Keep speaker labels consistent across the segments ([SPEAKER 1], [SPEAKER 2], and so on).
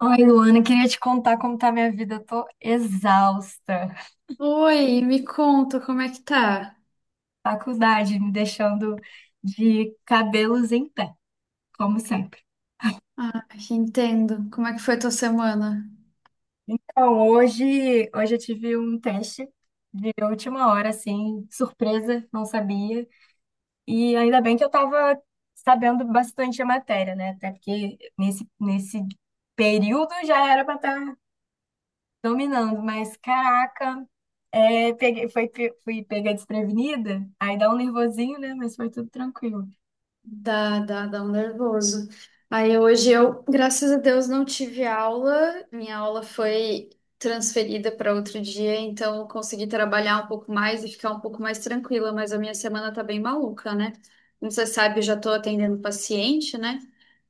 [SPEAKER 1] Oi, Luana, queria te contar como tá a minha vida. Eu tô exausta.
[SPEAKER 2] Oi, me conta como é que tá?
[SPEAKER 1] Faculdade me deixando de cabelos em pé, como sempre.
[SPEAKER 2] Ah, entendo. Como é que foi tua semana?
[SPEAKER 1] Então, hoje eu tive um teste de última hora, assim, surpresa, não sabia. E ainda bem que eu tava sabendo bastante a matéria, né? Até porque nesse período já era pra estar dominando, mas caraca, peguei, foi, fui pega desprevenida, aí dá um nervosinho, né? Mas foi tudo tranquilo.
[SPEAKER 2] Dá um nervoso. Aí hoje eu, graças a Deus, não tive aula. Minha aula foi transferida para outro dia, então eu consegui trabalhar um pouco mais e ficar um pouco mais tranquila, mas a minha semana tá bem maluca, né? Como você sabe, eu já tô atendendo paciente, né?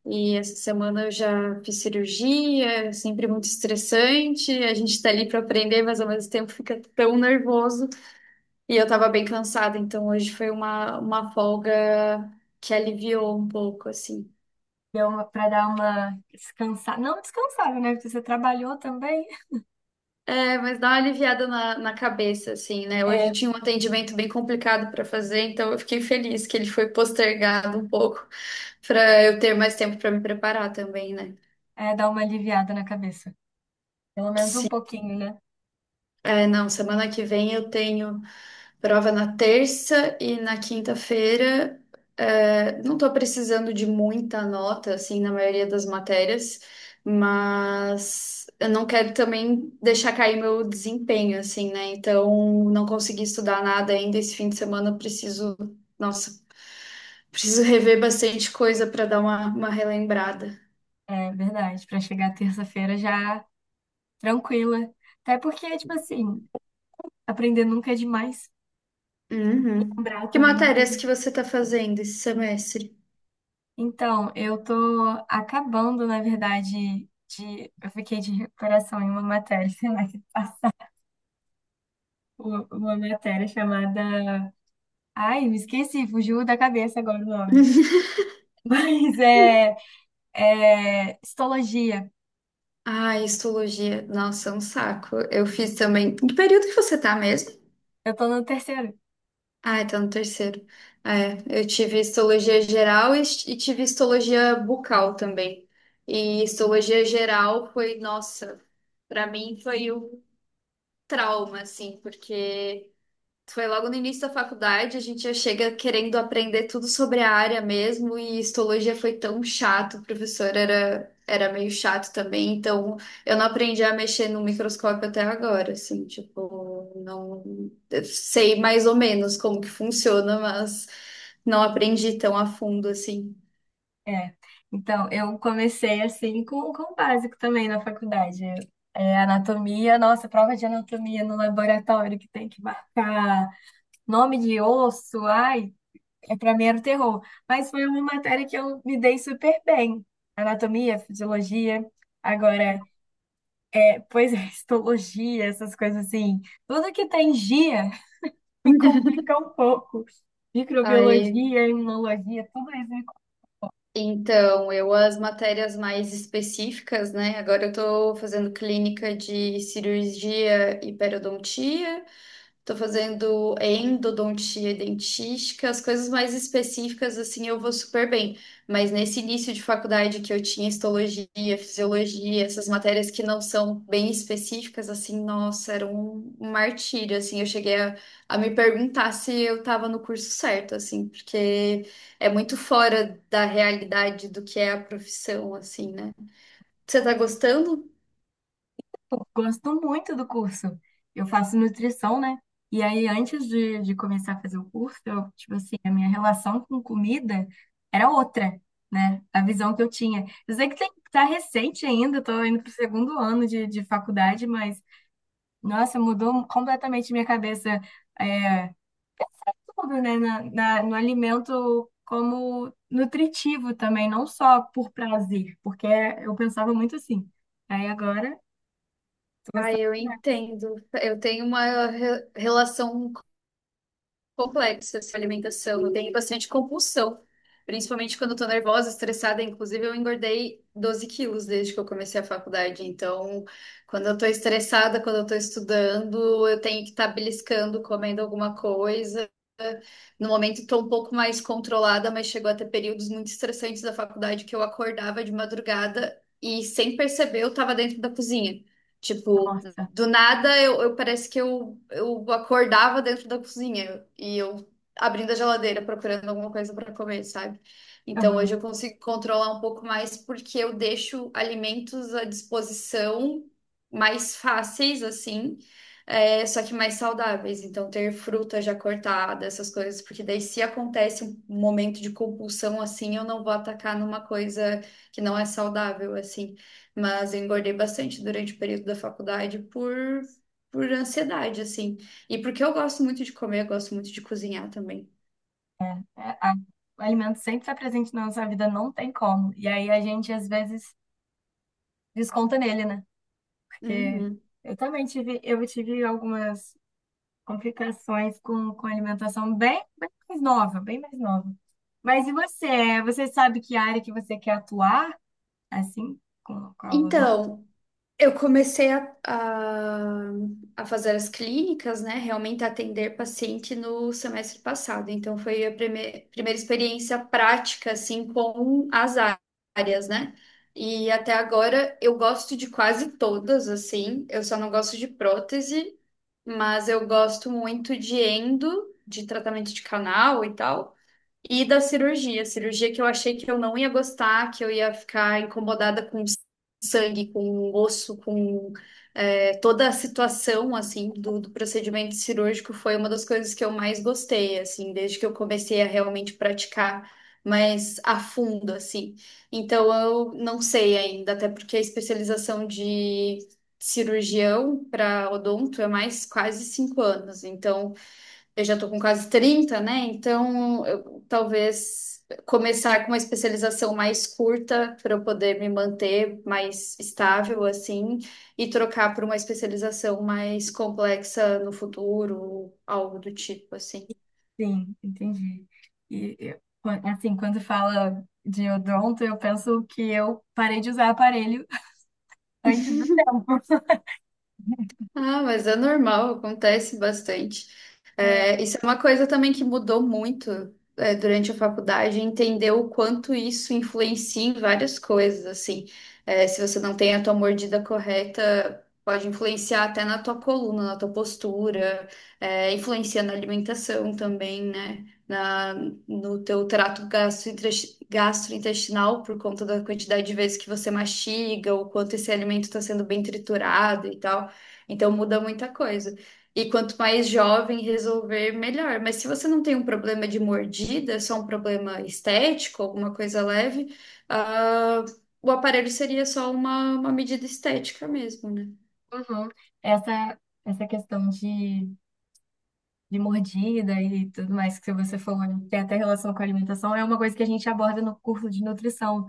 [SPEAKER 2] E essa semana eu já fiz cirurgia, é sempre muito estressante. A gente tá ali para aprender, mas ao mesmo tempo fica tão nervoso. E eu tava bem cansada, então hoje foi uma folga que aliviou um pouco, assim.
[SPEAKER 1] Deu uma, pra dar uma descansada, não descansada, né? Porque você trabalhou também,
[SPEAKER 2] É, mas dá uma aliviada na cabeça, assim, né? Hoje
[SPEAKER 1] é,
[SPEAKER 2] eu tinha um atendimento bem complicado para fazer, então eu fiquei feliz que ele foi postergado um pouco para eu ter mais tempo para me preparar também, né?
[SPEAKER 1] é dar uma aliviada na cabeça. Pelo menos um pouquinho, né?
[SPEAKER 2] É, não, semana que vem eu tenho prova na terça e na quinta-feira. É, não tô precisando de muita nota, assim, na maioria das matérias, mas eu não quero também deixar cair meu desempenho, assim, né? Então, não consegui estudar nada ainda esse fim de semana, eu preciso, nossa, preciso rever bastante coisa para dar uma relembrada.
[SPEAKER 1] É verdade, pra chegar terça-feira já tranquila. Até porque, tipo assim, aprender nunca é demais,
[SPEAKER 2] Uhum.
[SPEAKER 1] lembrar
[SPEAKER 2] Que
[SPEAKER 1] também nunca é
[SPEAKER 2] matérias que
[SPEAKER 1] demais.
[SPEAKER 2] você tá fazendo esse semestre?
[SPEAKER 1] Então, eu tô acabando, na verdade, de. Eu fiquei de recuperação em uma matéria, sei lá, uma matéria chamada. Ai, me esqueci, fugiu da cabeça agora o nome. Mas é, é histologia.
[SPEAKER 2] Ah, histologia. Nossa, é um saco. Eu fiz também. Que período que você tá mesmo?
[SPEAKER 1] Eu tô no terceiro.
[SPEAKER 2] Ah, tá no terceiro. É, eu tive histologia geral e tive histologia bucal também. E histologia geral foi, nossa, pra mim foi um trauma, assim, porque. Foi logo no início da faculdade, a gente já chega querendo aprender tudo sobre a área mesmo, e histologia foi tão chato, o professor era, era meio chato também, então eu não aprendi a mexer no microscópio até agora, assim, tipo, não eu sei mais ou menos como que funciona, mas não aprendi tão a fundo assim.
[SPEAKER 1] É. Então, eu comecei assim com o básico também na faculdade. É, é anatomia, nossa, prova de anatomia no laboratório que tem que marcar nome de osso, ai. É, para mim era o terror. Mas foi uma matéria que eu me dei super bem. Anatomia, fisiologia. Agora, é, pois é, histologia, essas coisas assim. Tudo que tem gia me complica um pouco.
[SPEAKER 2] Aí,
[SPEAKER 1] Microbiologia, imunologia, tudo isso.
[SPEAKER 2] então, eu as matérias mais específicas, né? Agora eu tô fazendo clínica de cirurgia e periodontia. Tô fazendo endodontia e dentística, as coisas mais específicas, assim, eu vou super bem. Mas nesse início de faculdade que eu tinha histologia, fisiologia, essas matérias que não são bem específicas, assim, nossa, era um martírio, assim. Eu cheguei a me perguntar se eu tava no curso certo, assim, porque é muito fora da realidade do que é a profissão, assim, né? Você tá gostando?
[SPEAKER 1] Gosto muito do curso. Eu faço nutrição, né? E aí, antes de começar a fazer o curso, eu, tipo assim, a minha relação com comida era outra, né? A visão que eu tinha. Eu sei que tem, tá recente ainda, eu tô indo pro segundo ano de faculdade, mas, nossa, mudou completamente minha cabeça, é, tudo, né? No alimento como nutritivo também, não só por prazer, porque eu pensava muito assim. Aí agora, tô
[SPEAKER 2] Ah,
[SPEAKER 1] gostando,
[SPEAKER 2] eu
[SPEAKER 1] né?
[SPEAKER 2] entendo. Eu tenho uma relação complexa essa alimentação. Eu tenho bastante compulsão, principalmente quando eu tô nervosa, estressada. Inclusive, eu engordei 12 quilos desde que eu comecei a faculdade. Então, quando eu tô estressada, quando eu tô estudando, eu tenho que estar beliscando, comendo alguma coisa. No momento, estou um pouco mais controlada, mas chegou a ter períodos muito estressantes da faculdade que eu acordava de madrugada e, sem perceber, eu estava dentro da cozinha. Tipo,
[SPEAKER 1] Nossa.
[SPEAKER 2] do nada, parece que eu acordava dentro da cozinha e eu abrindo a geladeira procurando alguma coisa para comer, sabe? Então hoje
[SPEAKER 1] Aham.
[SPEAKER 2] eu consigo controlar um pouco mais porque eu deixo alimentos à disposição mais fáceis, assim, é, só que mais saudáveis. Então ter fruta já cortada, essas coisas, porque daí se acontece um momento de compulsão assim, eu não vou atacar numa coisa que não é saudável, assim. Mas eu engordei bastante durante o período da faculdade por ansiedade, assim. E porque eu gosto muito de comer, eu gosto muito de cozinhar também.
[SPEAKER 1] É, o alimento sempre está presente na nossa vida, não tem como. E aí a gente às vezes desconta nele, né? Porque
[SPEAKER 2] Uhum.
[SPEAKER 1] eu também tive, eu tive algumas complicações com alimentação bem, bem mais nova, bem mais nova. Mas e você? Você sabe que área que você quer atuar, assim, com a odonto?
[SPEAKER 2] Então, eu comecei a fazer as clínicas, né? Realmente atender paciente no semestre passado. Então, foi a primeira experiência prática, assim, com as áreas, né? E até agora eu gosto de quase todas, assim. Eu só não gosto de prótese, mas eu gosto muito de endo, de tratamento de canal e tal. E da cirurgia, cirurgia que eu achei que eu não ia gostar, que eu ia ficar incomodada com sangue, com osso, com é, toda a situação, assim, do procedimento cirúrgico foi uma das coisas que eu mais gostei, assim, desde que eu comecei a realmente praticar mais a fundo, assim. Então, eu não sei ainda, até porque a especialização de cirurgião para odonto é mais quase cinco anos, então eu já estou com quase 30, né? Então, eu, talvez começar com uma especialização mais curta para eu poder me manter mais estável, assim, e trocar por uma especialização mais complexa no futuro, algo do tipo, assim.
[SPEAKER 1] Sim, entendi. E assim, quando fala de odonto, eu penso que eu parei de usar aparelho antes do tempo.
[SPEAKER 2] Ah, mas é normal, acontece bastante. É, isso é uma coisa também que mudou muito, é, durante a faculdade, entender o quanto isso influencia em várias coisas, assim. É, se você não tem a tua mordida correta, pode influenciar até na tua coluna, na tua postura, é, influencia na alimentação também, né? Na, no teu trato gastrointestinal, por conta da quantidade de vezes que você mastiga, o quanto esse alimento está sendo bem triturado e tal. Então muda muita coisa. E quanto mais jovem resolver, melhor. Mas se você não tem um problema de mordida, é só um problema estético, alguma coisa leve, ah, o aparelho seria só uma medida estética mesmo, né?
[SPEAKER 1] Uhum. Essa, essa questão de mordida e tudo mais que você falou, tem até relação com a alimentação, é uma coisa que a gente aborda no curso de nutrição,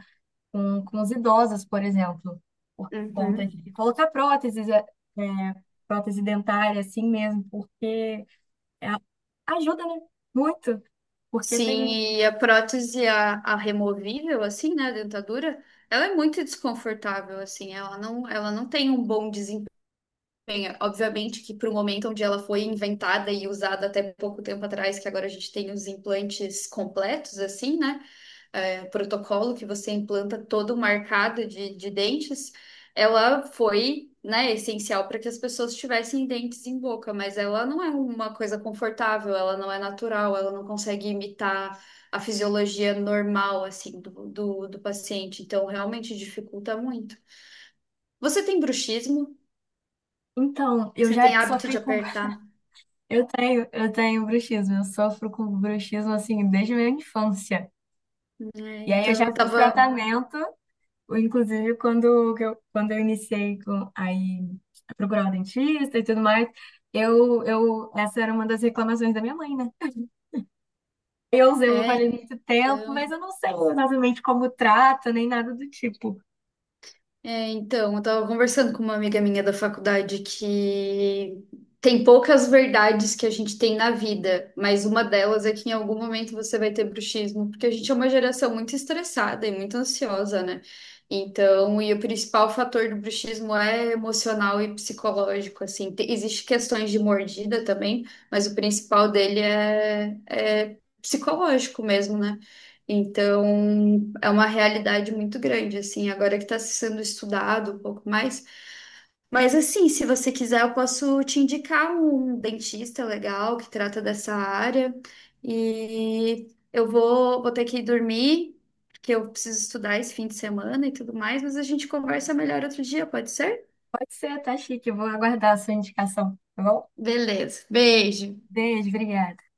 [SPEAKER 1] com os idosos, por exemplo, por conta de
[SPEAKER 2] Uhum.
[SPEAKER 1] colocar próteses, é, é, prótese dentária, assim mesmo, porque é, ajuda, né? Muito, porque tem.
[SPEAKER 2] Sim, e a prótese, a removível, assim, né, a dentadura, ela é muito desconfortável, assim, ela não tem um bom Bem, obviamente que para o momento onde ela foi inventada e usada até pouco tempo atrás, que agora a gente tem os implantes completos, assim, né? É, protocolo que você implanta todo marcado de dentes, ela foi, né, essencial para que as pessoas tivessem dentes em boca, mas ela não é uma coisa confortável, ela não é natural, ela não consegue imitar a fisiologia normal, assim, do paciente. Então, realmente dificulta muito. Você tem bruxismo?
[SPEAKER 1] Então, eu
[SPEAKER 2] Você tem
[SPEAKER 1] já
[SPEAKER 2] hábito de
[SPEAKER 1] sofri com.
[SPEAKER 2] apertar?
[SPEAKER 1] Eu tenho bruxismo, eu sofro com bruxismo, assim, desde a minha infância.
[SPEAKER 2] É,
[SPEAKER 1] E aí eu já
[SPEAKER 2] então eu
[SPEAKER 1] fiz
[SPEAKER 2] tava.
[SPEAKER 1] tratamento. Inclusive, quando eu iniciei com, aí, a procurar um dentista e tudo mais, eu, essa era uma das reclamações da minha mãe, né? Eu usei o
[SPEAKER 2] É,
[SPEAKER 1] aparelho muito tempo, mas
[SPEAKER 2] então.
[SPEAKER 1] eu não sei exatamente como trata, nem nada do tipo.
[SPEAKER 2] É, então, eu tava conversando com uma amiga minha da faculdade que tem poucas verdades que a gente tem na vida, mas uma delas é que em algum momento você vai ter bruxismo, porque a gente é uma geração muito estressada e muito ansiosa, né? Então, e o principal fator do bruxismo é emocional e psicológico, assim. Existe questões de mordida também, mas o principal dele é, é psicológico mesmo, né? Então. É uma realidade muito grande, assim, agora que está sendo estudado um pouco mais. Mas, assim, se você quiser, eu posso te indicar um dentista legal que trata dessa área. E eu vou ter que ir dormir, porque eu preciso estudar esse fim de semana e tudo mais, mas a gente conversa melhor outro dia, pode ser?
[SPEAKER 1] Pode ser, tá chique, eu vou aguardar a sua indicação, tá bom?
[SPEAKER 2] Beleza. Beijo.
[SPEAKER 1] Beijo, obrigada.